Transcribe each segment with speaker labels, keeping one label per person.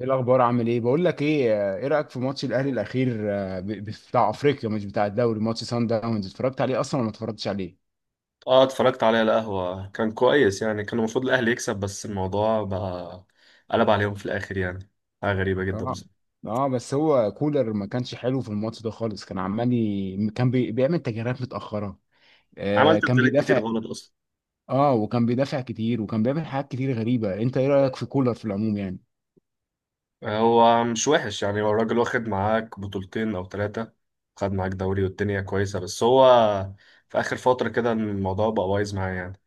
Speaker 1: ايه الاخبار؟ عامل ايه؟ بقول لك ايه رايك في ماتش الاهلي الاخير، بتاع افريقيا، مش بتاع الدوري. ماتش سان داونز اتفرجت عليه اصلا ولا ما اتفرجتش عليه؟
Speaker 2: اه، اتفرجت عليه على القهوة، كان كويس يعني. كان المفروض الأهلي يكسب، بس الموضوع بقى قلب عليهم في الآخر يعني. حاجة غريبة جدا، بس
Speaker 1: طبعا. اه، بس هو كولر ما كانش حلو في الماتش ده خالص. كان عمال بيعمل تغييرات متاخره.
Speaker 2: عمل
Speaker 1: آه كان
Speaker 2: تبديلات كتير
Speaker 1: بيدافع.
Speaker 2: غلط أصلا.
Speaker 1: اه وكان بيدافع كتير وكان بيعمل حاجات كتير غريبه. انت ايه رايك في كولر في العموم يعني؟
Speaker 2: هو مش وحش يعني، هو الراجل واخد معاك بطولتين أو ثلاثة، خد معاك دوري والدنيا كويسة، بس هو في آخر فترة كده الموضوع بقى بايظ معاه يعني.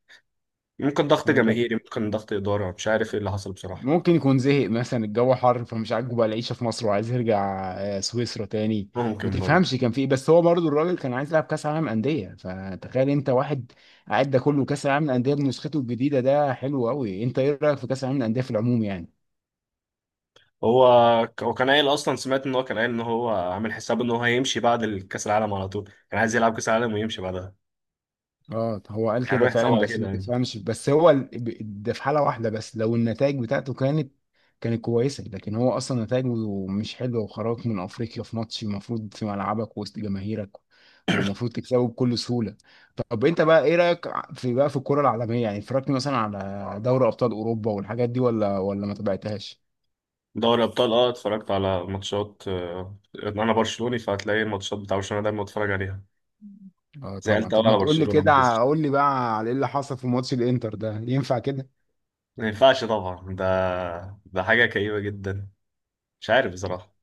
Speaker 2: ممكن ضغط جماهيري، ممكن ضغط إدارة، مش عارف إيه اللي حصل بصراحة.
Speaker 1: ممكن يكون زهق، مثلا الجو حر فمش عاجبه بقى العيشه في مصر وعايز يرجع سويسرا تاني. ما
Speaker 2: ممكن برضه.
Speaker 1: تفهمش كان في ايه، بس هو برضو الراجل كان عايز يلعب كاس عالم انديه. فتخيل انت واحد قاعد ده كله، كاس العالم الانديه بنسخته الجديده ده حلو قوي. انت ايه رايك في كاس العالم الانديه في العموم يعني؟
Speaker 2: هو هو كان قايل اصلا، سمعت ان هو كان قايل ان هو عامل حساب ان هو هيمشي بعد الكاس العالم على طول. كان عايز يلعب كاس العالم ويمشي بعدها،
Speaker 1: اه هو قال
Speaker 2: كان
Speaker 1: كده
Speaker 2: عامل حسابه
Speaker 1: فعلا،
Speaker 2: على
Speaker 1: بس
Speaker 2: كده
Speaker 1: ما
Speaker 2: يعني.
Speaker 1: تفهمش. بس هو ده في حاله واحده بس، لو النتائج بتاعته كانت كانت كويسه. لكن هو اصلا نتائجه مش حلوه، وخرجك من افريقيا في ماتش المفروض في ملعبك وسط جماهيرك، ومفروض تكسبه بكل سهوله. طب انت بقى ايه رايك في بقى في الكره العالميه يعني؟ اتفرجت مثلا على دوري ابطال اوروبا والحاجات دي ولا ما تابعتهاش؟
Speaker 2: دوري ابطال، اه اتفرجت على ماتشات. انا برشلوني، فهتلاقي الماتشات بتاع برشلونه دايما بتفرج عليها.
Speaker 1: اه
Speaker 2: زعلت
Speaker 1: طبعا. طب
Speaker 2: قوي
Speaker 1: ما
Speaker 2: على
Speaker 1: تقول لي
Speaker 2: برشلونه لما
Speaker 1: كده،
Speaker 2: خسر.
Speaker 1: قول لي بقى على ايه اللي حصل في ماتش الانتر ده، ينفع كده؟
Speaker 2: ما ينفعش طبعا ده حاجه كئيبه جدا. مش عارف بصراحه،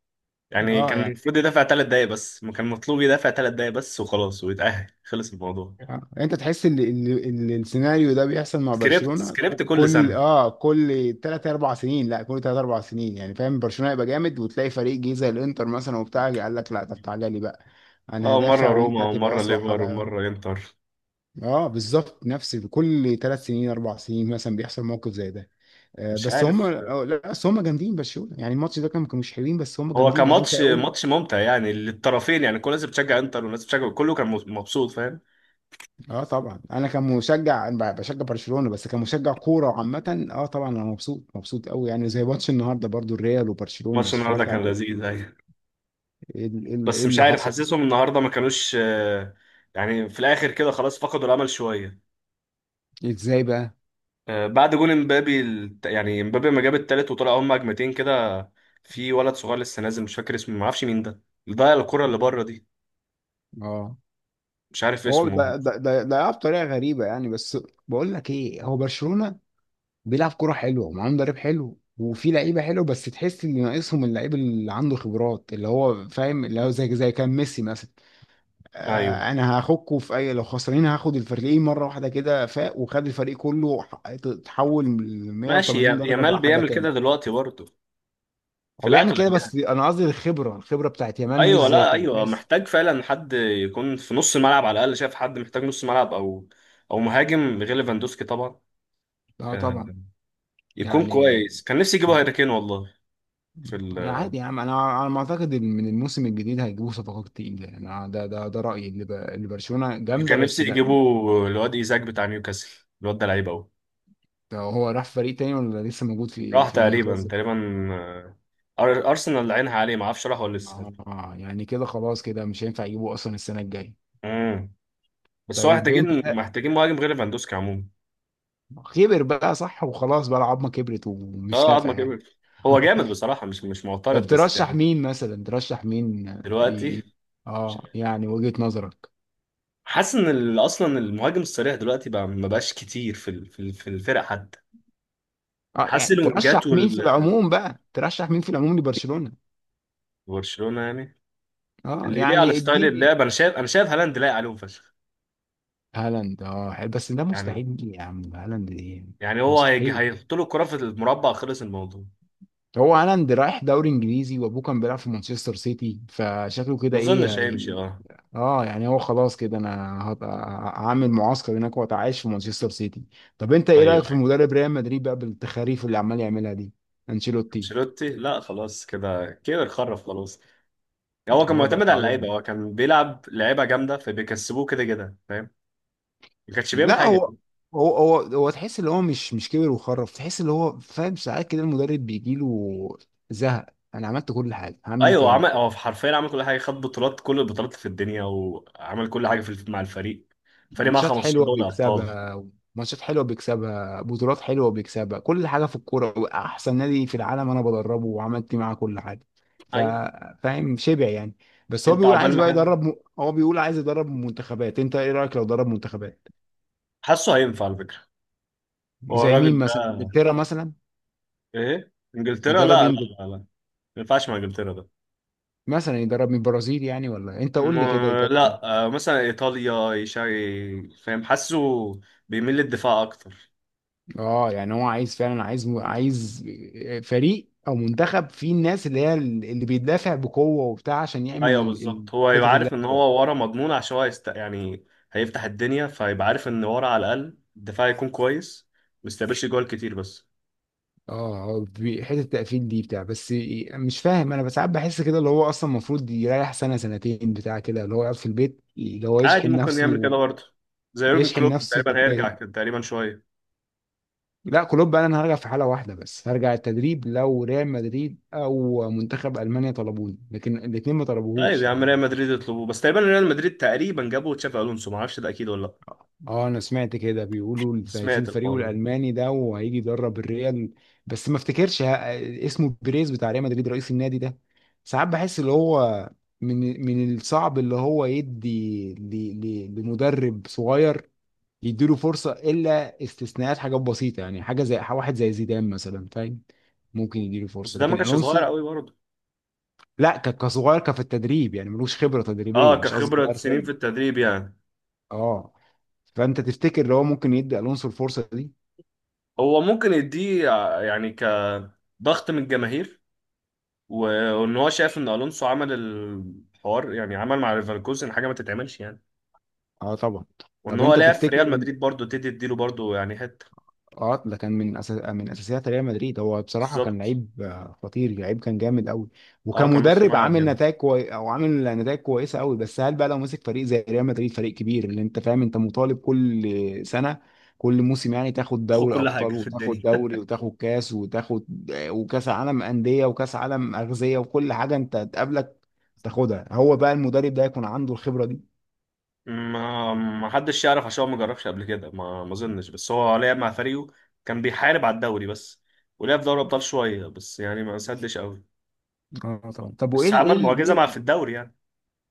Speaker 2: يعني
Speaker 1: اه
Speaker 2: كان
Speaker 1: يعني.
Speaker 2: المفروض يدافع ثلاث دقايق بس. ما كان مطلوب يدافع ثلاث دقايق بس وخلاص ويتأهل، خلص الموضوع.
Speaker 1: آه. انت تحس ان ان إن السيناريو ده بيحصل مع
Speaker 2: سكريبت
Speaker 1: برشلونه ك-
Speaker 2: سكريبت كل
Speaker 1: كل
Speaker 2: سنه.
Speaker 1: اه كل 3 4 سنين؟ لا، كل 3 4 سنين يعني، فاهم؟ برشلونه يبقى جامد، وتلاقي فريق جه زي الانتر مثلا وبتاع قال لك لا، طب تعالى لي بقى انا
Speaker 2: اه، مرة
Speaker 1: هدافع،
Speaker 2: روما
Speaker 1: وانت تبقى
Speaker 2: ومرة
Speaker 1: اصبح
Speaker 2: ليفر
Speaker 1: على.
Speaker 2: ومرة انتر.
Speaker 1: اه بالظبط، نفس كل 3 سنين 4 سنين مثلا بيحصل موقف زي ده. آه
Speaker 2: مش
Speaker 1: بس هم،
Speaker 2: عارف.
Speaker 1: لا بس هم جامدين برشلونه يعني. الماتش ده كان كانوا مش حلوين، بس هم
Speaker 2: هو
Speaker 1: جامدين يعني، انت
Speaker 2: كماتش،
Speaker 1: قول.
Speaker 2: ماتش ممتع يعني للطرفين، يعني كل الناس بتشجع انتر والناس بتشجع، كله كان مبسوط فاهم.
Speaker 1: اه طبعا، انا كمشجع بشجع برشلونه، بس كمشجع كوره عامه اه طبعا انا مبسوط، مبسوط قوي يعني. زي ماتش النهارده برضو، الريال وبرشلونه
Speaker 2: ماتش النهارده
Speaker 1: اتفرجت
Speaker 2: كان
Speaker 1: عليه.
Speaker 2: لذيذ ايوه،
Speaker 1: ايه ال- إيه ال- إيه
Speaker 2: بس مش
Speaker 1: اللي
Speaker 2: عارف،
Speaker 1: حصل؟
Speaker 2: حاسسهم النهارده ما كانوش. يعني في الاخر كده خلاص فقدوا الامل شوية.
Speaker 1: ازاي بقى؟
Speaker 2: بعد جون امبابي، يعني امبابي لما جاب التالت وطلع، هم هجمتين كده. في ولد صغير لسه نازل، مش فاكر اسمه، ما اعرفش مين ده، اللي ضيع الكرة اللي
Speaker 1: مم.
Speaker 2: بره دي.
Speaker 1: اه
Speaker 2: مش عارف
Speaker 1: هو
Speaker 2: اسمه.
Speaker 1: ده بطريقه غريبه يعني، بس. بقول لك ايه، هو برشلونه بيلعب كوره حلوه ومعاه مدرب حلو وفي لعيبه حلوه، بس تحس ان ناقصهم اللعيب اللي عنده خبرات، اللي هو فاهم، اللي هو زي كان ميسي مثلا.
Speaker 2: ايوه،
Speaker 1: انا هاخدكوا في اي لو خسرانين هاخد الفريقين مره واحده كده فاق، وخد الفريق كله اتحول من
Speaker 2: ماشي.
Speaker 1: 180 درجه،
Speaker 2: يامال
Speaker 1: بقى حاجه
Speaker 2: بيعمل
Speaker 1: تاني.
Speaker 2: كده دلوقتي برضه، في
Speaker 1: هو بيعمل
Speaker 2: الاغلب
Speaker 1: كده، بس
Speaker 2: يعني.
Speaker 1: انا قصدي الخبره بتاعت يمان مش
Speaker 2: ايوه،
Speaker 1: زي
Speaker 2: لا،
Speaker 1: بتاعت
Speaker 2: ايوه،
Speaker 1: ميسي.
Speaker 2: محتاج فعلا حد يكون في نص الملعب على الاقل. شايف حد محتاج نص ملعب، او مهاجم غير ليفاندوسكي طبعا.
Speaker 1: اه
Speaker 2: آه،
Speaker 1: طبعا
Speaker 2: يكون
Speaker 1: يعني.
Speaker 2: كويس. كان نفسي يجيبوا هاري كين والله في ال...
Speaker 1: يعني عادي يا عم، انا ما اعتقد إن من الموسم الجديد هيجيبوا صفقات تقيله يعني. انا ده رايي، اللي برشلونه جامده
Speaker 2: كان نفسي
Speaker 1: بس لا.
Speaker 2: يجيبوا الواد ايزاك بتاع نيوكاسل، الواد ده لعيب قوي.
Speaker 1: ده هو راح فريق تاني ولا لسه موجود في
Speaker 2: راح
Speaker 1: في
Speaker 2: تقريبا
Speaker 1: نيوكاسل؟
Speaker 2: تقريبا. آه، ارسنال عينها عليه، ما اعرفش راح ولا لسه.
Speaker 1: اه يعني كده خلاص، كده مش هينفع يجيبوا اصلا السنه الجايه.
Speaker 2: امم بس هو
Speaker 1: طيب
Speaker 2: محتاجين
Speaker 1: انت،
Speaker 2: محتاجين مهاجم غير ليفاندوسكي عموما.
Speaker 1: كبر بقى صح وخلاص، بقى العظمه كبرت ومش
Speaker 2: اه، عظمه
Speaker 1: نافع يعني.
Speaker 2: كبر. هو جامد بصراحه، مش معترض بس
Speaker 1: بترشح
Speaker 2: يعني.
Speaker 1: مين مثلا؟ ترشح مين
Speaker 2: دلوقتي
Speaker 1: ي- اه يعني وجهة نظرك؟
Speaker 2: حاسس ان اصلا المهاجم الصريح دلوقتي بقى ما بقاش كتير في الفرق حتى.
Speaker 1: اه
Speaker 2: حاسس
Speaker 1: يعني ترشح
Speaker 2: الوينجات
Speaker 1: مين في العموم بقى، ترشح مين في العموم لبرشلونة؟
Speaker 2: وبرشلونه يعني.
Speaker 1: اه
Speaker 2: اللي يليق على
Speaker 1: يعني
Speaker 2: ستايل
Speaker 1: اديني.
Speaker 2: اللعب، انا شايف هالاند لايق عليهم فشخ
Speaker 1: هالاند، اه حلو. بس ده
Speaker 2: يعني
Speaker 1: مستحيل يا عم، هالاند ايه،
Speaker 2: يعني هو
Speaker 1: مستحيل.
Speaker 2: هيحط له الكره في المربع، خلص الموضوع.
Speaker 1: هو هالاند رايح دوري انجليزي، وابوه كان بيلعب في مانشستر سيتي، فشكله
Speaker 2: ما
Speaker 1: كده
Speaker 2: اظنش
Speaker 1: ايه.
Speaker 2: هيمشي اه.
Speaker 1: اه يعني هو خلاص، كده انا هبقى هعمل معسكر هناك واتعايش في مانشستر سيتي. طب انت ايه
Speaker 2: ايوه
Speaker 1: رايك في
Speaker 2: ايوه.
Speaker 1: مدرب ريال مدريد بقى بالتخاريف اللي عمال يعملها دي، انشيلوتي؟
Speaker 2: انشيلوتي لا، خلاص كده كبر خرف خلاص. يعني هو كان
Speaker 1: اه بقى
Speaker 2: معتمد على اللعيبه،
Speaker 1: تعبان.
Speaker 2: هو كان بيلعب لعيبه جامده فبيكسبوه كده كده فاهم. ما كانش بيعمل
Speaker 1: لا
Speaker 2: حاجه.
Speaker 1: هو تحس ان هو مش كبر وخرف، تحس ان هو فاهم ساعات كده، المدرب بيجي له زهق. انا عملت كل حاجه، هعمل ايه
Speaker 2: ايوه، هو
Speaker 1: تاني.
Speaker 2: عمل، هو حرفيا عمل كل حاجه. خد بطولات، كل البطولات في الدنيا، وعمل كل حاجه في مع الفريق. الفريق معاه
Speaker 1: ماتشات
Speaker 2: 15
Speaker 1: حلوه
Speaker 2: دوري ابطال.
Speaker 1: بيكسبها، ماتشات حلوه بيكسبها، بطولات حلوه بيكسبها، كل حاجه في الكوره، احسن نادي في العالم انا بدربه، وعملت معاه كل حاجه. ف-
Speaker 2: ايوه.
Speaker 1: فاهم شبع يعني. بس هو
Speaker 2: انت
Speaker 1: بيقول
Speaker 2: عقبال
Speaker 1: عايز
Speaker 2: ما
Speaker 1: بقى
Speaker 2: حد،
Speaker 1: يدرب هو بيقول عايز يدرب منتخبات. انت ايه رايك لو درب منتخبات،
Speaker 2: حاسه هينفع على فكره هو
Speaker 1: زي مين
Speaker 2: الراجل ده.
Speaker 1: مثلا، انجلترا مثلا
Speaker 2: ايه، انجلترا؟
Speaker 1: يدرب
Speaker 2: لا لا.
Speaker 1: انجلترا؟
Speaker 2: لا لا، ما ينفعش مع انجلترا ده.
Speaker 1: مثلا يدرب من البرازيل يعني ولا إيه؟ انت
Speaker 2: م...
Speaker 1: قول لي كده.
Speaker 2: لا، مثلا ايطاليا يشاري فاهم. حاسه بيميل للدفاع اكتر.
Speaker 1: اه يعني هو عايز فعلا، عايز فريق او منتخب فيه الناس اللي هي اللي بيدافع بقوه وبتاع، عشان يعمل
Speaker 2: ايوه بالظبط، هو يبقى
Speaker 1: الخطط اللي
Speaker 2: عارف ان
Speaker 1: هو.
Speaker 2: هو ورا مضمون، عشان هو يعني هيفتح الدنيا، فيبقى عارف ان ورا على الاقل الدفاع يكون كويس، ما يستقبلش جوال كتير بس.
Speaker 1: حته التقفيل دي بتاع بس. مش فاهم، انا ساعات بحس كده اللي هو اصلا المفروض يريح سنه سنتين بتاع كده، اللي هو يقعد في البيت، اللي هو
Speaker 2: عادي،
Speaker 1: يشحن
Speaker 2: ممكن يعمل كده
Speaker 1: نفسه،
Speaker 2: برضه. زي يورجن
Speaker 1: يشحن
Speaker 2: كلوب
Speaker 1: نفسه
Speaker 2: تقريبا
Speaker 1: طاقيا.
Speaker 2: هيرجع كده تقريبا شويه.
Speaker 1: لا كلوب بقى انا هرجع في حاله واحده بس، هرجع التدريب لو ريال مدريد او منتخب المانيا طلبوني، لكن الاثنين ما
Speaker 2: طيب
Speaker 1: طلبوهوش
Speaker 2: يا عم، ريال
Speaker 1: يعني.
Speaker 2: مدريد يطلبوه بس. تقريبا ريال مدريد تقريبا جابوا تشافي الونسو، ما اعرفش ده اكيد ولا لا.
Speaker 1: اه انا سمعت كده، بيقولوا هيسيب
Speaker 2: سمعت
Speaker 1: الفريق
Speaker 2: الحوار ده.
Speaker 1: الالماني ده وهيجي يدرب الريال. بس ما افتكرش اسمه بيريز بتاع ريال مدريد، رئيس النادي ده. ساعات بحس اللي هو من الصعب اللي هو يدي لمدرب صغير، يديله فرصة الا استثناءات، حاجات بسيطة يعني، حاجة زي واحد زي زيدان مثلا فاهم. ممكن يديله
Speaker 2: بس
Speaker 1: فرصة،
Speaker 2: ده ما
Speaker 1: لكن
Speaker 2: كانش صغير
Speaker 1: الونسو.
Speaker 2: قوي برضه.
Speaker 1: لا كصغير كفي التدريب يعني، ملوش خبرة
Speaker 2: اه،
Speaker 1: تدريبية، مش قصدي
Speaker 2: كخبره
Speaker 1: صغير
Speaker 2: سنين في
Speaker 1: سن.
Speaker 2: التدريب يعني.
Speaker 1: اه. فانت تفتكر لو هو ممكن يدي الونسو الفرصة دي؟
Speaker 2: هو ممكن يديه، يعني كضغط من الجماهير، وان هو شايف ان الونسو عمل الحوار، يعني عمل مع ليفركوزن حاجه ما تتعملش يعني.
Speaker 1: اه طبعا.
Speaker 2: وان
Speaker 1: طب
Speaker 2: هو
Speaker 1: انت
Speaker 2: لعب في ريال
Speaker 1: تفتكر،
Speaker 2: مدريد برضه، تديله برضه يعني حته.
Speaker 1: اه ده كان من اساسيات ريال مدريد، هو بصراحه كان
Speaker 2: بالظبط.
Speaker 1: لعيب خطير، لعيب كان جامد قوي.
Speaker 2: اه، كان نص
Speaker 1: وكمدرب
Speaker 2: ملعب جامد.
Speaker 1: عامل نتائج كويسه قوي. بس هل بقى لو مسك فريق زي ريال مدريد، فريق كبير اللي انت فاهم، انت مطالب كل سنه كل موسم يعني تاخد
Speaker 2: خد
Speaker 1: دوري
Speaker 2: كل
Speaker 1: ابطال
Speaker 2: حاجه في
Speaker 1: وتاخد
Speaker 2: الدنيا.
Speaker 1: دوري وتاخد كاس وتاخد وكاس عالم انديه وكاس عالم اغذيه وكل حاجه انت تقابلك تاخدها. هو بقى المدرب ده يكون عنده الخبره دي؟
Speaker 2: ما حدش يعرف، عشان هو ما جربش قبل كده. ما اظنش، بس هو لعب مع فريقه كان بيحارب على الدوري بس، ولعب في دوري ابطال شويه بس يعني ما سدش قوي.
Speaker 1: اه طبعا. طب وايه
Speaker 2: بس عمل معجزه
Speaker 1: ليه؟
Speaker 2: مع في الدوري يعني.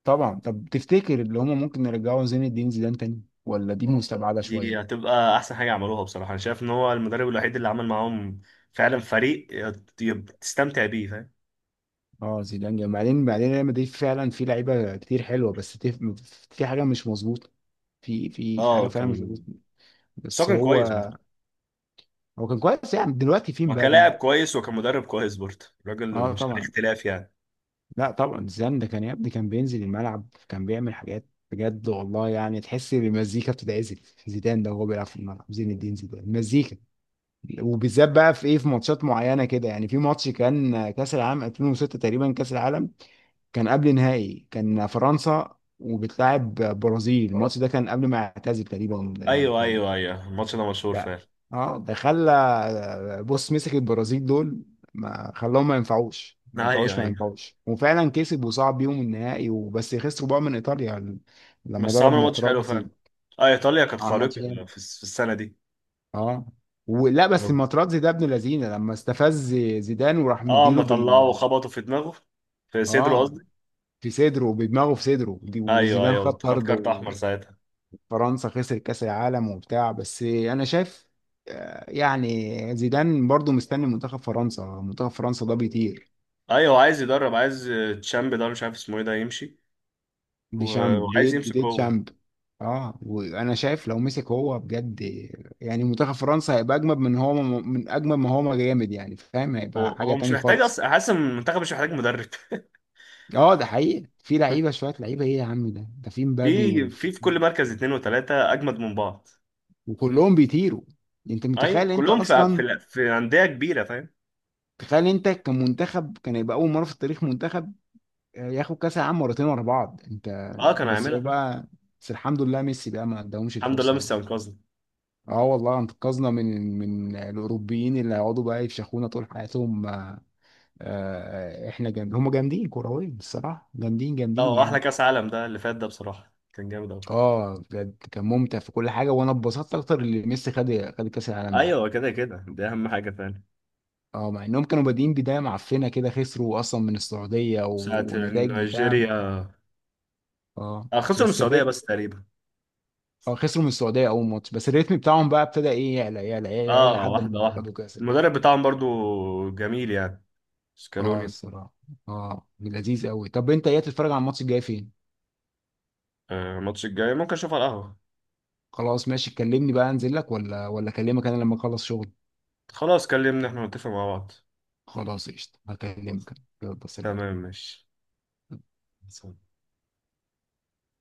Speaker 1: طبعا. طب تفتكر اللي هم ممكن يرجعوا زين الدين زيدان تاني، ولا دي مستبعده
Speaker 2: دي
Speaker 1: شويه؟
Speaker 2: هتبقى احسن حاجه عملوها بصراحه. انا شايف ان هو المدرب الوحيد اللي عمل معاهم فعلا فريق تستمتع بيه فاهم.
Speaker 1: اه زيدان جامد. بعدين ريال مدريد فعلا في لعيبه كتير حلوه، بس في حاجه مش مظبوطه. في حاجه
Speaker 2: اه،
Speaker 1: فعلا مش مظبوطه.
Speaker 2: بس هو
Speaker 1: بس
Speaker 2: كان
Speaker 1: هو
Speaker 2: كويس برضه.
Speaker 1: هو كان كويس يعني، دلوقتي في
Speaker 2: وكلاعب
Speaker 1: مبابي.
Speaker 2: كويس وكمدرب كويس برضه، الراجل
Speaker 1: اه
Speaker 2: مش عليه
Speaker 1: طبعا.
Speaker 2: اختلاف يعني.
Speaker 1: لا طبعا زيدان ده كان يا ابني، كان بينزل الملعب، كان بيعمل حاجات بجد والله، يعني تحس ان المزيكا بتتعزل، زيدان ده وهو بيلعب في الملعب. زين الدين زيدان مزيكا. وبالذات بقى في ايه، في ماتشات معينه كده يعني، في ماتش كان كاس العالم 2006 تقريبا، كاس العالم كان قبل نهائي، كان فرنسا وبتلاعب برازيل. الماتش ده كان قبل ما يعتزل تقريبا
Speaker 2: ايوه
Speaker 1: البتاع ده.
Speaker 2: ايوه ايوه، الماتش ده مشهور
Speaker 1: لا.
Speaker 2: فعلا.
Speaker 1: اه ده خلى بص مسك البرازيل دول، ما خلاهم، ما ينفعوش ما
Speaker 2: ايوه
Speaker 1: ينفعوش ما
Speaker 2: ايوه،
Speaker 1: ينفعوش، وفعلا كسب وصعد بيهم النهائي، وبس خسروا بقى من ايطاليا لما
Speaker 2: بس
Speaker 1: ضرب
Speaker 2: عملوا ماتش حلو
Speaker 1: ماتراتزي.
Speaker 2: فعلا. اه، ايطاليا كانت
Speaker 1: اه الماتش.
Speaker 2: خارقه في السنه دي.
Speaker 1: اه. ولا بس الماتراتزي ده ابن لذينه، لما استفز زيدان وراح
Speaker 2: اه، اما
Speaker 1: مديله
Speaker 2: طلعه
Speaker 1: بال،
Speaker 2: وخبطوا في دماغه، في صدره
Speaker 1: اه
Speaker 2: قصدي.
Speaker 1: في صدره، بدماغه، في صدره
Speaker 2: ايوه
Speaker 1: وزيدان خد
Speaker 2: ايوه، خد
Speaker 1: طرد
Speaker 2: كارت احمر
Speaker 1: وفرنسا
Speaker 2: ساعتها.
Speaker 1: خسر كاس العالم وبتاع. بس انا شايف يعني زيدان برضو مستني منتخب فرنسا، منتخب فرنسا ده بيطير،
Speaker 2: ايوه، عايز يدرب، عايز تشامب ده، ولا مش عارف اسمه ايه ده، يمشي
Speaker 1: دي شامب
Speaker 2: وعايز يمسك
Speaker 1: دي
Speaker 2: هو.
Speaker 1: شامب. اه وانا شايف لو مسك هو بجد، يعني منتخب فرنسا هيبقى اجمد من هو، من اجمد ما هو ما جامد يعني فاهم،
Speaker 2: هو
Speaker 1: هيبقى حاجه
Speaker 2: هو مش
Speaker 1: تاني
Speaker 2: محتاج
Speaker 1: خالص.
Speaker 2: اصلا، حاسس ان المنتخب مش محتاج مدرب
Speaker 1: اه ده حقيقي، في لعيبه شويه، لعيبه ايه يا عم، ده ده في مبابي
Speaker 2: في في في كل مركز اتنين وتلاته اجمد من بعض.
Speaker 1: وكلهم بيطيروا. انت
Speaker 2: ايوه،
Speaker 1: متخيل، انت
Speaker 2: كلهم في
Speaker 1: اصلا
Speaker 2: في, في انديه كبيره فاهم.
Speaker 1: تخيل انت كمنتخب كان يبقى اول مره في التاريخ منتخب ياخد كاس العالم مرتين ورا بعض. انت
Speaker 2: اه، كان
Speaker 1: بس
Speaker 2: هيعملها
Speaker 1: هو
Speaker 2: فاهم.
Speaker 1: بقى، بس الحمد لله ميسي بقى ما اداهمش
Speaker 2: الحمد لله مش
Speaker 1: الفرصه.
Speaker 2: انقذنا.
Speaker 1: اه والله انقذنا من الاوروبيين اللي هيقعدوا بقى يفشخونا طول حياتهم، احنا جامد، هم جامدين كرويا الصراحه، جامدين
Speaker 2: لا،
Speaker 1: جامدين
Speaker 2: هو احلى
Speaker 1: يعني.
Speaker 2: كاس عالم ده اللي فات ده بصراحه، كان جامد قوي.
Speaker 1: اه بجد كان ممتع في كل حاجه، وانا اتبسطت اكتر اللي ميسي خد كاس العالم ده.
Speaker 2: ايوه كده كده، دي اهم حاجه فعلا.
Speaker 1: اه مع انهم كانوا بادئين بدايه معفنه كده، خسروا اصلا من السعوديه
Speaker 2: ساعه
Speaker 1: ونتائج بتاع.
Speaker 2: نيجيريا.
Speaker 1: اه
Speaker 2: خسروا من
Speaker 1: بس
Speaker 2: السعوديه
Speaker 1: الريتم،
Speaker 2: بس تقريبا.
Speaker 1: اه خسروا من السعوديه اول ماتش، بس الريتم بتاعهم بقى ابتدى ايه، يعلى يعلى يعلى يعلى
Speaker 2: اه،
Speaker 1: لحد
Speaker 2: واحده
Speaker 1: ما خدوا
Speaker 2: واحده.
Speaker 1: كاس العالم.
Speaker 2: المدرب بتاعهم برضو جميل يعني،
Speaker 1: اه
Speaker 2: سكالوني.
Speaker 1: الصراحه اه لذيذ قوي. طب انت ايه، تتفرج على الماتش الجاي فين؟
Speaker 2: الماتش الجاي ممكن اشوفه على القهوه.
Speaker 1: خلاص ماشي، كلمني بقى انزل لك، ولا اكلمك انا لما اخلص شغل.
Speaker 2: خلاص، كلمني، احنا نتفق مع بعض.
Speaker 1: خلاص قشطه،
Speaker 2: خلاص.
Speaker 1: هكلمك. يلا سلام.
Speaker 2: تمام ماشي